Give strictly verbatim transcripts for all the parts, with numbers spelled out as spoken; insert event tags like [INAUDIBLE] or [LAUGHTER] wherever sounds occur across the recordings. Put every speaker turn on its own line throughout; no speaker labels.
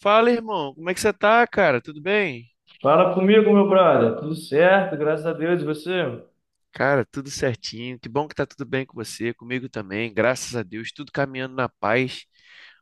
Fala, irmão, como é que você tá, cara? Tudo bem?
Fala comigo, meu brother. Tudo certo, graças a Deus. E você?
Cara, tudo certinho. Que bom que tá tudo bem com você, comigo também. Graças a Deus, tudo caminhando na paz.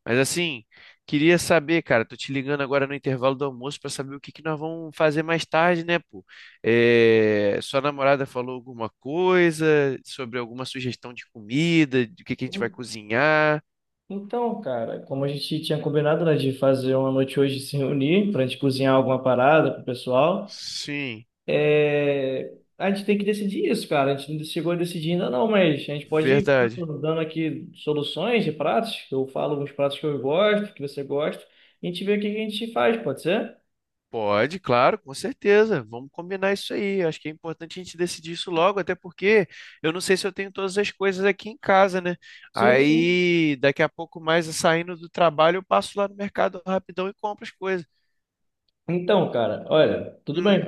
Mas assim, queria saber, cara, tô te ligando agora no intervalo do almoço pra saber o que que nós vamos fazer mais tarde, né, pô? É, Sua namorada falou alguma coisa sobre alguma sugestão de comida, de que que a gente vai cozinhar?
Então, cara, como a gente tinha combinado, né, de fazer uma noite hoje se reunir para a gente cozinhar alguma parada pro pessoal,
Sim,
é, a gente tem que decidir isso, cara. A gente não chegou a decidir ainda não, mas a gente pode ir
verdade.
dando aqui soluções de pratos. Eu falo uns pratos que eu gosto, que você gosta, e a gente vê o que a gente faz, pode ser?
Pode, claro, com certeza. Vamos combinar isso aí. Acho que é importante a gente decidir isso logo, até porque eu não sei se eu tenho todas as coisas aqui em casa, né?
Sim, sim.
Aí, daqui a pouco mais, saindo do trabalho, eu passo lá no mercado rapidão e compro as coisas.
Então, cara, olha, tudo bem.
Hum,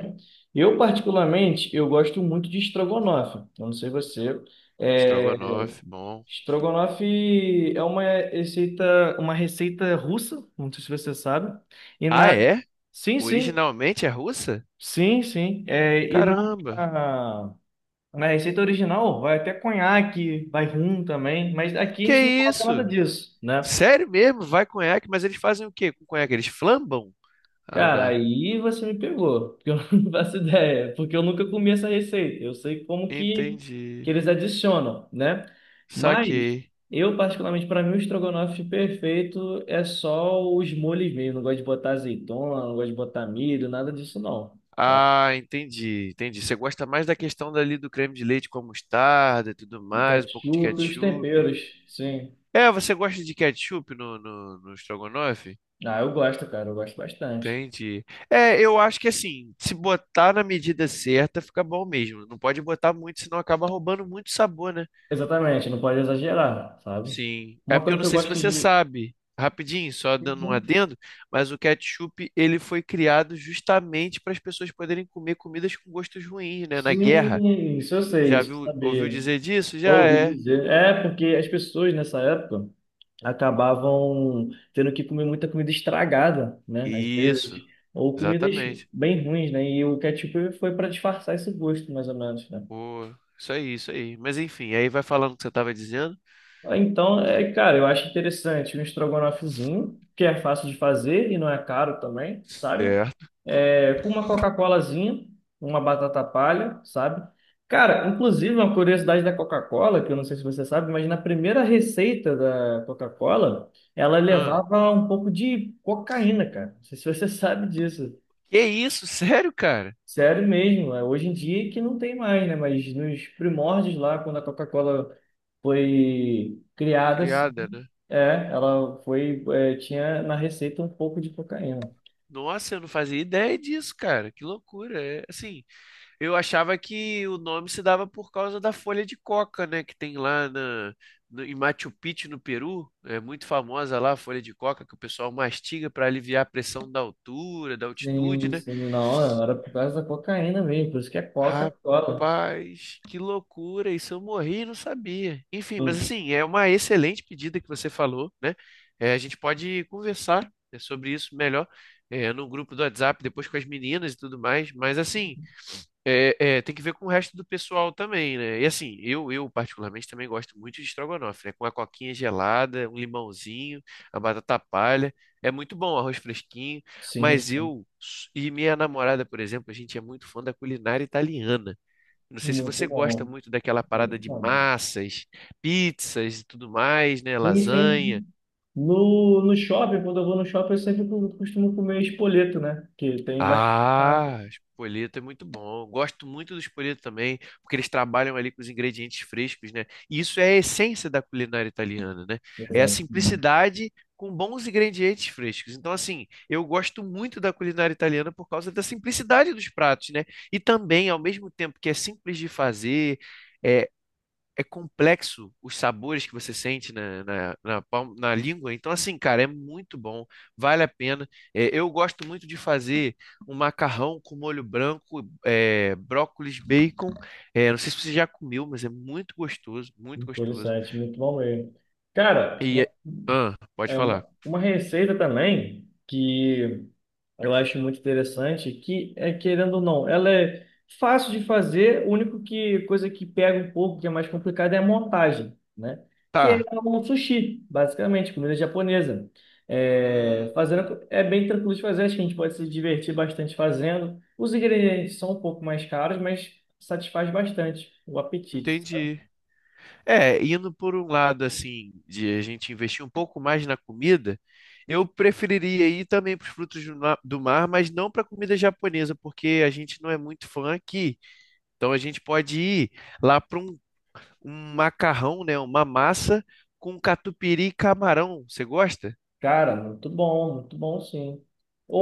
Eu, particularmente, eu gosto muito de estrogonofe. Eu não sei você. É,
estrogonofe, bom.
Estrogonofe é uma receita, uma receita russa, não sei se você sabe. E
Ah,
na...
é?
Sim, sim,
Originalmente é russa?
sim, sim. É, e na,
Caramba.
na receita original vai até conhaque, vai rum também, mas aqui a
Que
gente não coloca nada
isso?
disso, né?
Sério mesmo? Vai conhaque, mas eles fazem o quê com conhaque? Eles flambam? Ah,
Cara,
né?
aí você me pegou, porque eu [LAUGHS] não faço ideia, porque eu nunca comi essa receita. Eu sei como que, que
Entendi.
eles adicionam, né? Mas
Saquei.
eu, particularmente, para mim, o estrogonofe perfeito é só os molhos mesmo. Não gosto de botar azeitona, não gosto de botar milho, nada disso não, sabe?
Ah, entendi, entendi. Você gosta mais da questão dali do creme de leite com a mostarda e tudo
O
mais, um pouco de
ketchup e os
ketchup.
temperos, sim.
É, você gosta de ketchup no, no, no estrogonofe?
Ah, eu gosto, cara, eu gosto bastante.
Entendi. É, eu acho que assim, se botar na medida certa, fica bom mesmo. Não pode botar muito, senão acaba roubando muito sabor, né?
Exatamente, não pode exagerar, sabe?
Sim. É
Uma
porque eu
coisa
não
que eu
sei se
gosto
você
de...
sabe, rapidinho, só dando um adendo, mas o ketchup, ele foi criado justamente para as pessoas poderem comer comidas com gostos ruins, né? Na guerra.
Sim, isso eu sei,
Já
isso eu
viu, ouviu
sabia.
dizer disso? Já
Ouvi
é.
dizer. É, porque as pessoas nessa época acabavam tendo que comer muita comida estragada, né? Às
Isso,
vezes, ou comidas
exatamente.
bem ruins, né? E o ketchup foi para disfarçar esse gosto, mais ou menos, né?
Pô, isso aí, isso aí. Mas enfim, aí vai falando o que você tava dizendo.
Ah, então, é, cara, eu acho interessante um estrogonofezinho, que é fácil de fazer e não é caro também, sabe?
Certo.
É, com uma Coca-Colazinha, uma batata palha, sabe? Cara, inclusive, uma curiosidade da Coca-Cola, que eu não sei se você sabe, mas na primeira receita da Coca-Cola, ela
Ah,
levava um pouco de cocaína, cara. Não sei se você [LAUGHS] sabe disso.
que isso? [LAUGHS] Sério, cara?
Sério mesmo, é, hoje em dia que não tem mais, né? Mas nos primórdios lá, quando a Coca-Cola foi criada,
Criada, né?
é, ela foi, é, tinha na receita um pouco de cocaína.
Nossa, eu não fazia ideia disso, cara. Que loucura. É, assim, eu achava que o nome se dava por causa da folha de coca, né? Que tem lá na, no- em Machu Picchu, no Peru. É muito famosa lá a folha de coca que o pessoal mastiga para aliviar a pressão da altura, da altitude,
Sim,
né?
sim, não, era por causa da cocaína mesmo, por isso que é Coca-Cola.
Rapaz, que loucura! Isso eu morri e não sabia. Enfim, mas
Hum.
assim, é uma excelente pedida que você falou, né? É, a gente pode conversar, né, sobre isso melhor, é, no grupo do WhatsApp, depois com as meninas e tudo mais. Mas assim, é, é, tem que ver com o resto do pessoal também, né? E assim, eu, eu particularmente também gosto muito de estrogonofe, né? Com a coquinha gelada, um limãozinho, a batata palha. É muito bom, arroz fresquinho.
Sim,
Mas
sim,
eu e minha namorada, por exemplo, a gente é muito fã da culinária italiana. Não sei se
muito
você gosta
bom,
muito daquela parada
muito
de
bom.
massas, pizzas e tudo mais, né?
Sim, sim,
Lasanha.
sim. No, no shopping, quando eu vou no shopping, eu sempre co- costumo comer espoleto, né? Que tem bastante massa.
Ah, espoleto é muito bom. Gosto muito do espoleto também, porque eles trabalham ali com os ingredientes frescos, né? E isso é a essência da culinária italiana, né? É a
Exatamente.
simplicidade com bons ingredientes frescos. Então, assim, eu gosto muito da culinária italiana por causa da simplicidade dos pratos, né? E também, ao mesmo tempo que é simples de fazer, é é complexo os sabores que você sente na, na, na, palma- na língua. Então, assim, cara, é muito bom, vale a pena. É, eu gosto muito de fazer um macarrão com molho branco, é, brócolis, bacon. É, não sei se você já comeu, mas é muito gostoso, muito gostoso.
Interessante, muito bom mesmo. Cara,
E é- ah, pode
é
falar.
uma, uma receita também que eu acho muito interessante que, é, querendo ou não, ela é fácil de fazer, o único que coisa que pega um pouco, que é mais complicada, é a montagem, né? Que é
Tá.
um sushi, basicamente, comida japonesa. É,
Hum, uhum.
fazendo, é bem tranquilo de fazer, acho que a gente pode se divertir bastante fazendo. Os ingredientes são um pouco mais caros, mas satisfaz bastante o apetite.
Entendi. É, indo por um lado assim, de a gente investir um pouco mais na comida, eu preferiria ir também para os frutos do na- do mar, mas não para comida japonesa, porque a gente não é muito fã aqui. Então a gente pode ir lá para um, um macarrão, né, uma massa com catupiry e camarão. Você gosta?
Cara, muito bom, muito bom sim.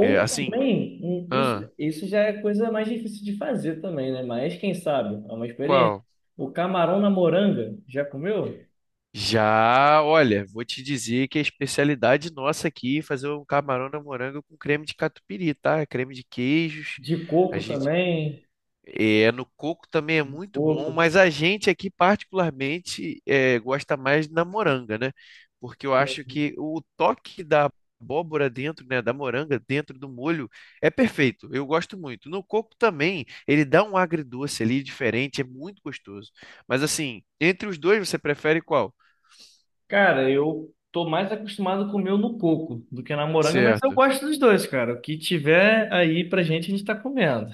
É, assim,
também, hum, isso,
ah,
isso já é coisa mais difícil de fazer também, né? Mas quem sabe, é uma experiência.
qual?
O camarão na moranga, já comeu?
Já, olha, vou te dizer que a especialidade nossa aqui é fazer um camarão na moranga com creme de catupiry, tá? Creme de queijos.
De
A
coco
gente
também,
É, no coco também é muito bom,
coco.
mas a gente aqui particularmente é, gosta mais da moranga, né? Porque eu acho que o toque da abóbora dentro, né, da moranga dentro do molho é perfeito. Eu gosto muito. No coco também, ele dá um agridoce ali diferente, é muito gostoso. Mas assim, entre os dois você prefere qual?
Cara, eu tô mais acostumado a comer no coco do que na moranga, mas eu
Certo,
gosto dos dois, cara. O que tiver aí pra gente, a gente tá comendo.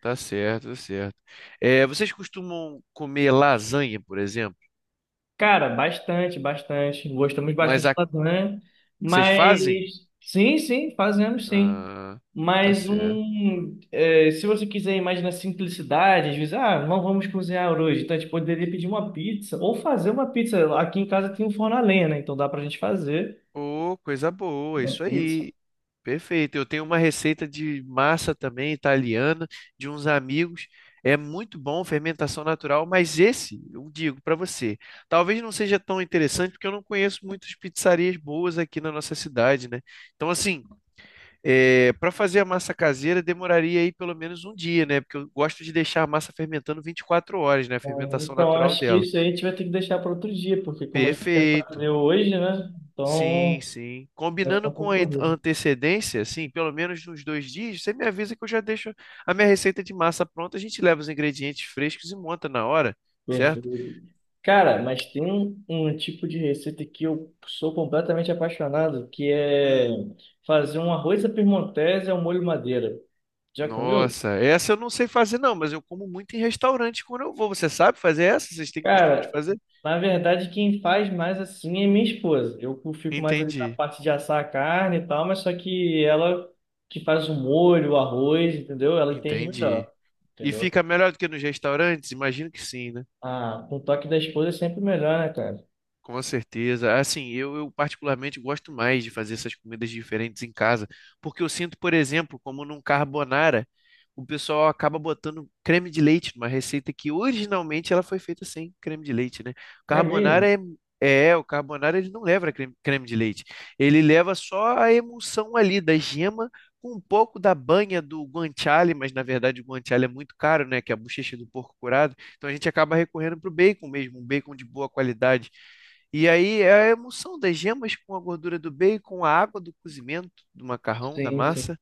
tá certo, tá certo. É, vocês costumam comer lasanha, por exemplo?
Cara, bastante, bastante. Gostamos
Mas
bastante de
a-
lasanha,
vocês fazem?
mas sim, sim, fazemos sim.
Ah, tá
Mas
certo.
um, é, se você quiser imaginar simplicidade, às vezes, ah, não vamos cozinhar hoje, então a gente poderia pedir uma pizza ou fazer uma pizza. Aqui em casa tem um forno a lenha, né? Então dá pra gente fazer
Ô, coisa boa,
uma
isso
pizza.
aí. Perfeito. Eu tenho uma receita de massa também italiana de uns amigos. É muito bom, fermentação natural, mas esse, eu digo para você, talvez não seja tão interessante porque eu não conheço muitas pizzarias boas aqui na nossa cidade, né? Então, assim, para fazer a massa caseira demoraria aí pelo menos um dia, né? Porque eu gosto de deixar a massa fermentando vinte e quatro horas, né? A
Bom,
fermentação
então
natural
acho que
dela.
isso aí a gente vai ter que deixar para outro dia, porque como a gente quer
Perfeito.
fazer hoje, né?
Sim,
Então
sim.
vai ficar
Combinando
um
com
pouco
a et- a
corrido.
antecedência, assim, pelo menos nos dois dias, você me avisa que eu já deixo a minha receita de massa pronta. A gente leva os ingredientes frescos e monta na hora, certo?
Perfeito. Cara, mas tem um, um tipo de receita que eu sou completamente apaixonado, que é
Hum,
fazer um arroz à piemontese ao molho madeira. Já comeu?
nossa, essa eu não sei fazer, não, mas eu como muito em restaurante quando eu vou. Você sabe fazer essa? Vocês têm costume de
Cara,
fazer?
na verdade, quem faz mais assim é minha esposa. Eu fico mais ali na
Entendi,
parte de assar a carne e tal, mas só que ela que faz o molho, o arroz, entendeu? Ela entende
entendi.
melhor,
E
entendeu?
fica melhor do que nos restaurantes? Imagino que sim,
Ah, com o toque da esposa é sempre melhor, né, cara?
Com certeza. Assim, eu, eu particularmente gosto mais de fazer essas comidas diferentes em casa, porque eu sinto, por exemplo, como num carbonara, o pessoal acaba botando creme de leite numa receita que originalmente ela foi feita sem creme de leite, né? O
É
carbonara
mesmo?
é, é, o carbonara ele não leva creme, creme de leite. Ele leva só a emulsão ali da gema com um pouco da banha do guanciale, mas na verdade o guanciale é muito caro, né? Que é a bochecha do porco curado. Então a gente acaba recorrendo para o bacon mesmo, um bacon de boa qualidade. E aí é a emulsão das gemas com a gordura do bacon, a água do cozimento do macarrão, da
Sim, sim.
massa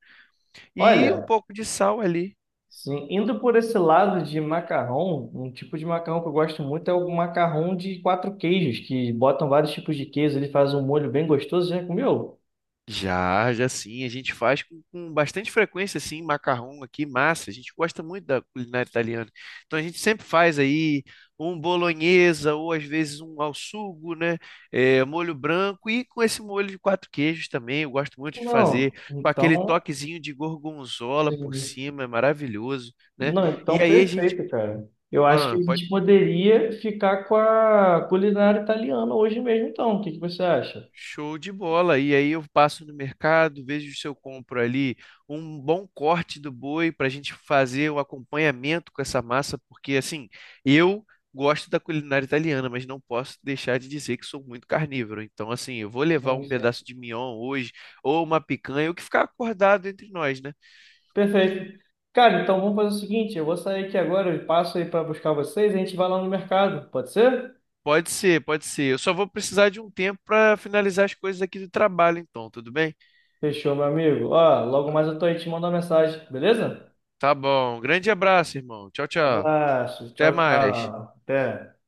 e um
Olha.
pouco de sal ali.
Sim, indo por esse lado de macarrão, um tipo de macarrão que eu gosto muito é o macarrão de quatro queijos, que botam vários tipos de queijo, ele faz um molho bem gostoso. Já comeu?
Já, já sim, a gente faz com, com bastante frequência, assim, macarrão aqui, massa. A gente gosta muito da culinária italiana. Então a gente sempre faz aí um bolonhesa ou às vezes um ao sugo, né? É, molho branco e com esse molho de quatro queijos também. Eu gosto muito de fazer
Não.
com aquele
Então,
toquezinho de gorgonzola por
sim.
cima, é maravilhoso, né?
Não,
E
então
aí a gente
perfeito, cara. Eu acho que
Ah,
a
pode.
gente poderia ficar com a culinária italiana hoje mesmo, então. O que que você acha?
Show de bola. E aí eu passo no mercado, vejo se eu compro ali um bom corte do boi para a gente fazer o acompanhamento com essa massa, porque assim, eu gosto da culinária italiana, mas não posso deixar de dizer que sou muito carnívoro. Então, assim, eu vou levar
Sim,
um pedaço
sim.
de mignon hoje, ou uma picanha, o que ficar acordado entre nós, né?
Perfeito. Cara, então vamos fazer o seguinte, eu vou sair aqui agora, eu passo aí para buscar vocês, a gente vai lá no mercado, pode ser?
Pode ser, pode ser. Eu só vou precisar de um tempo para finalizar as coisas aqui do trabalho, então, tudo bem?
Fechou, meu amigo. Ó, logo mais eu tô aí te mandando uma mensagem, beleza?
Tá bom. Grande abraço, irmão. Tchau, tchau.
Abraço.
Até
Tchau,
mais.
tchau. Até.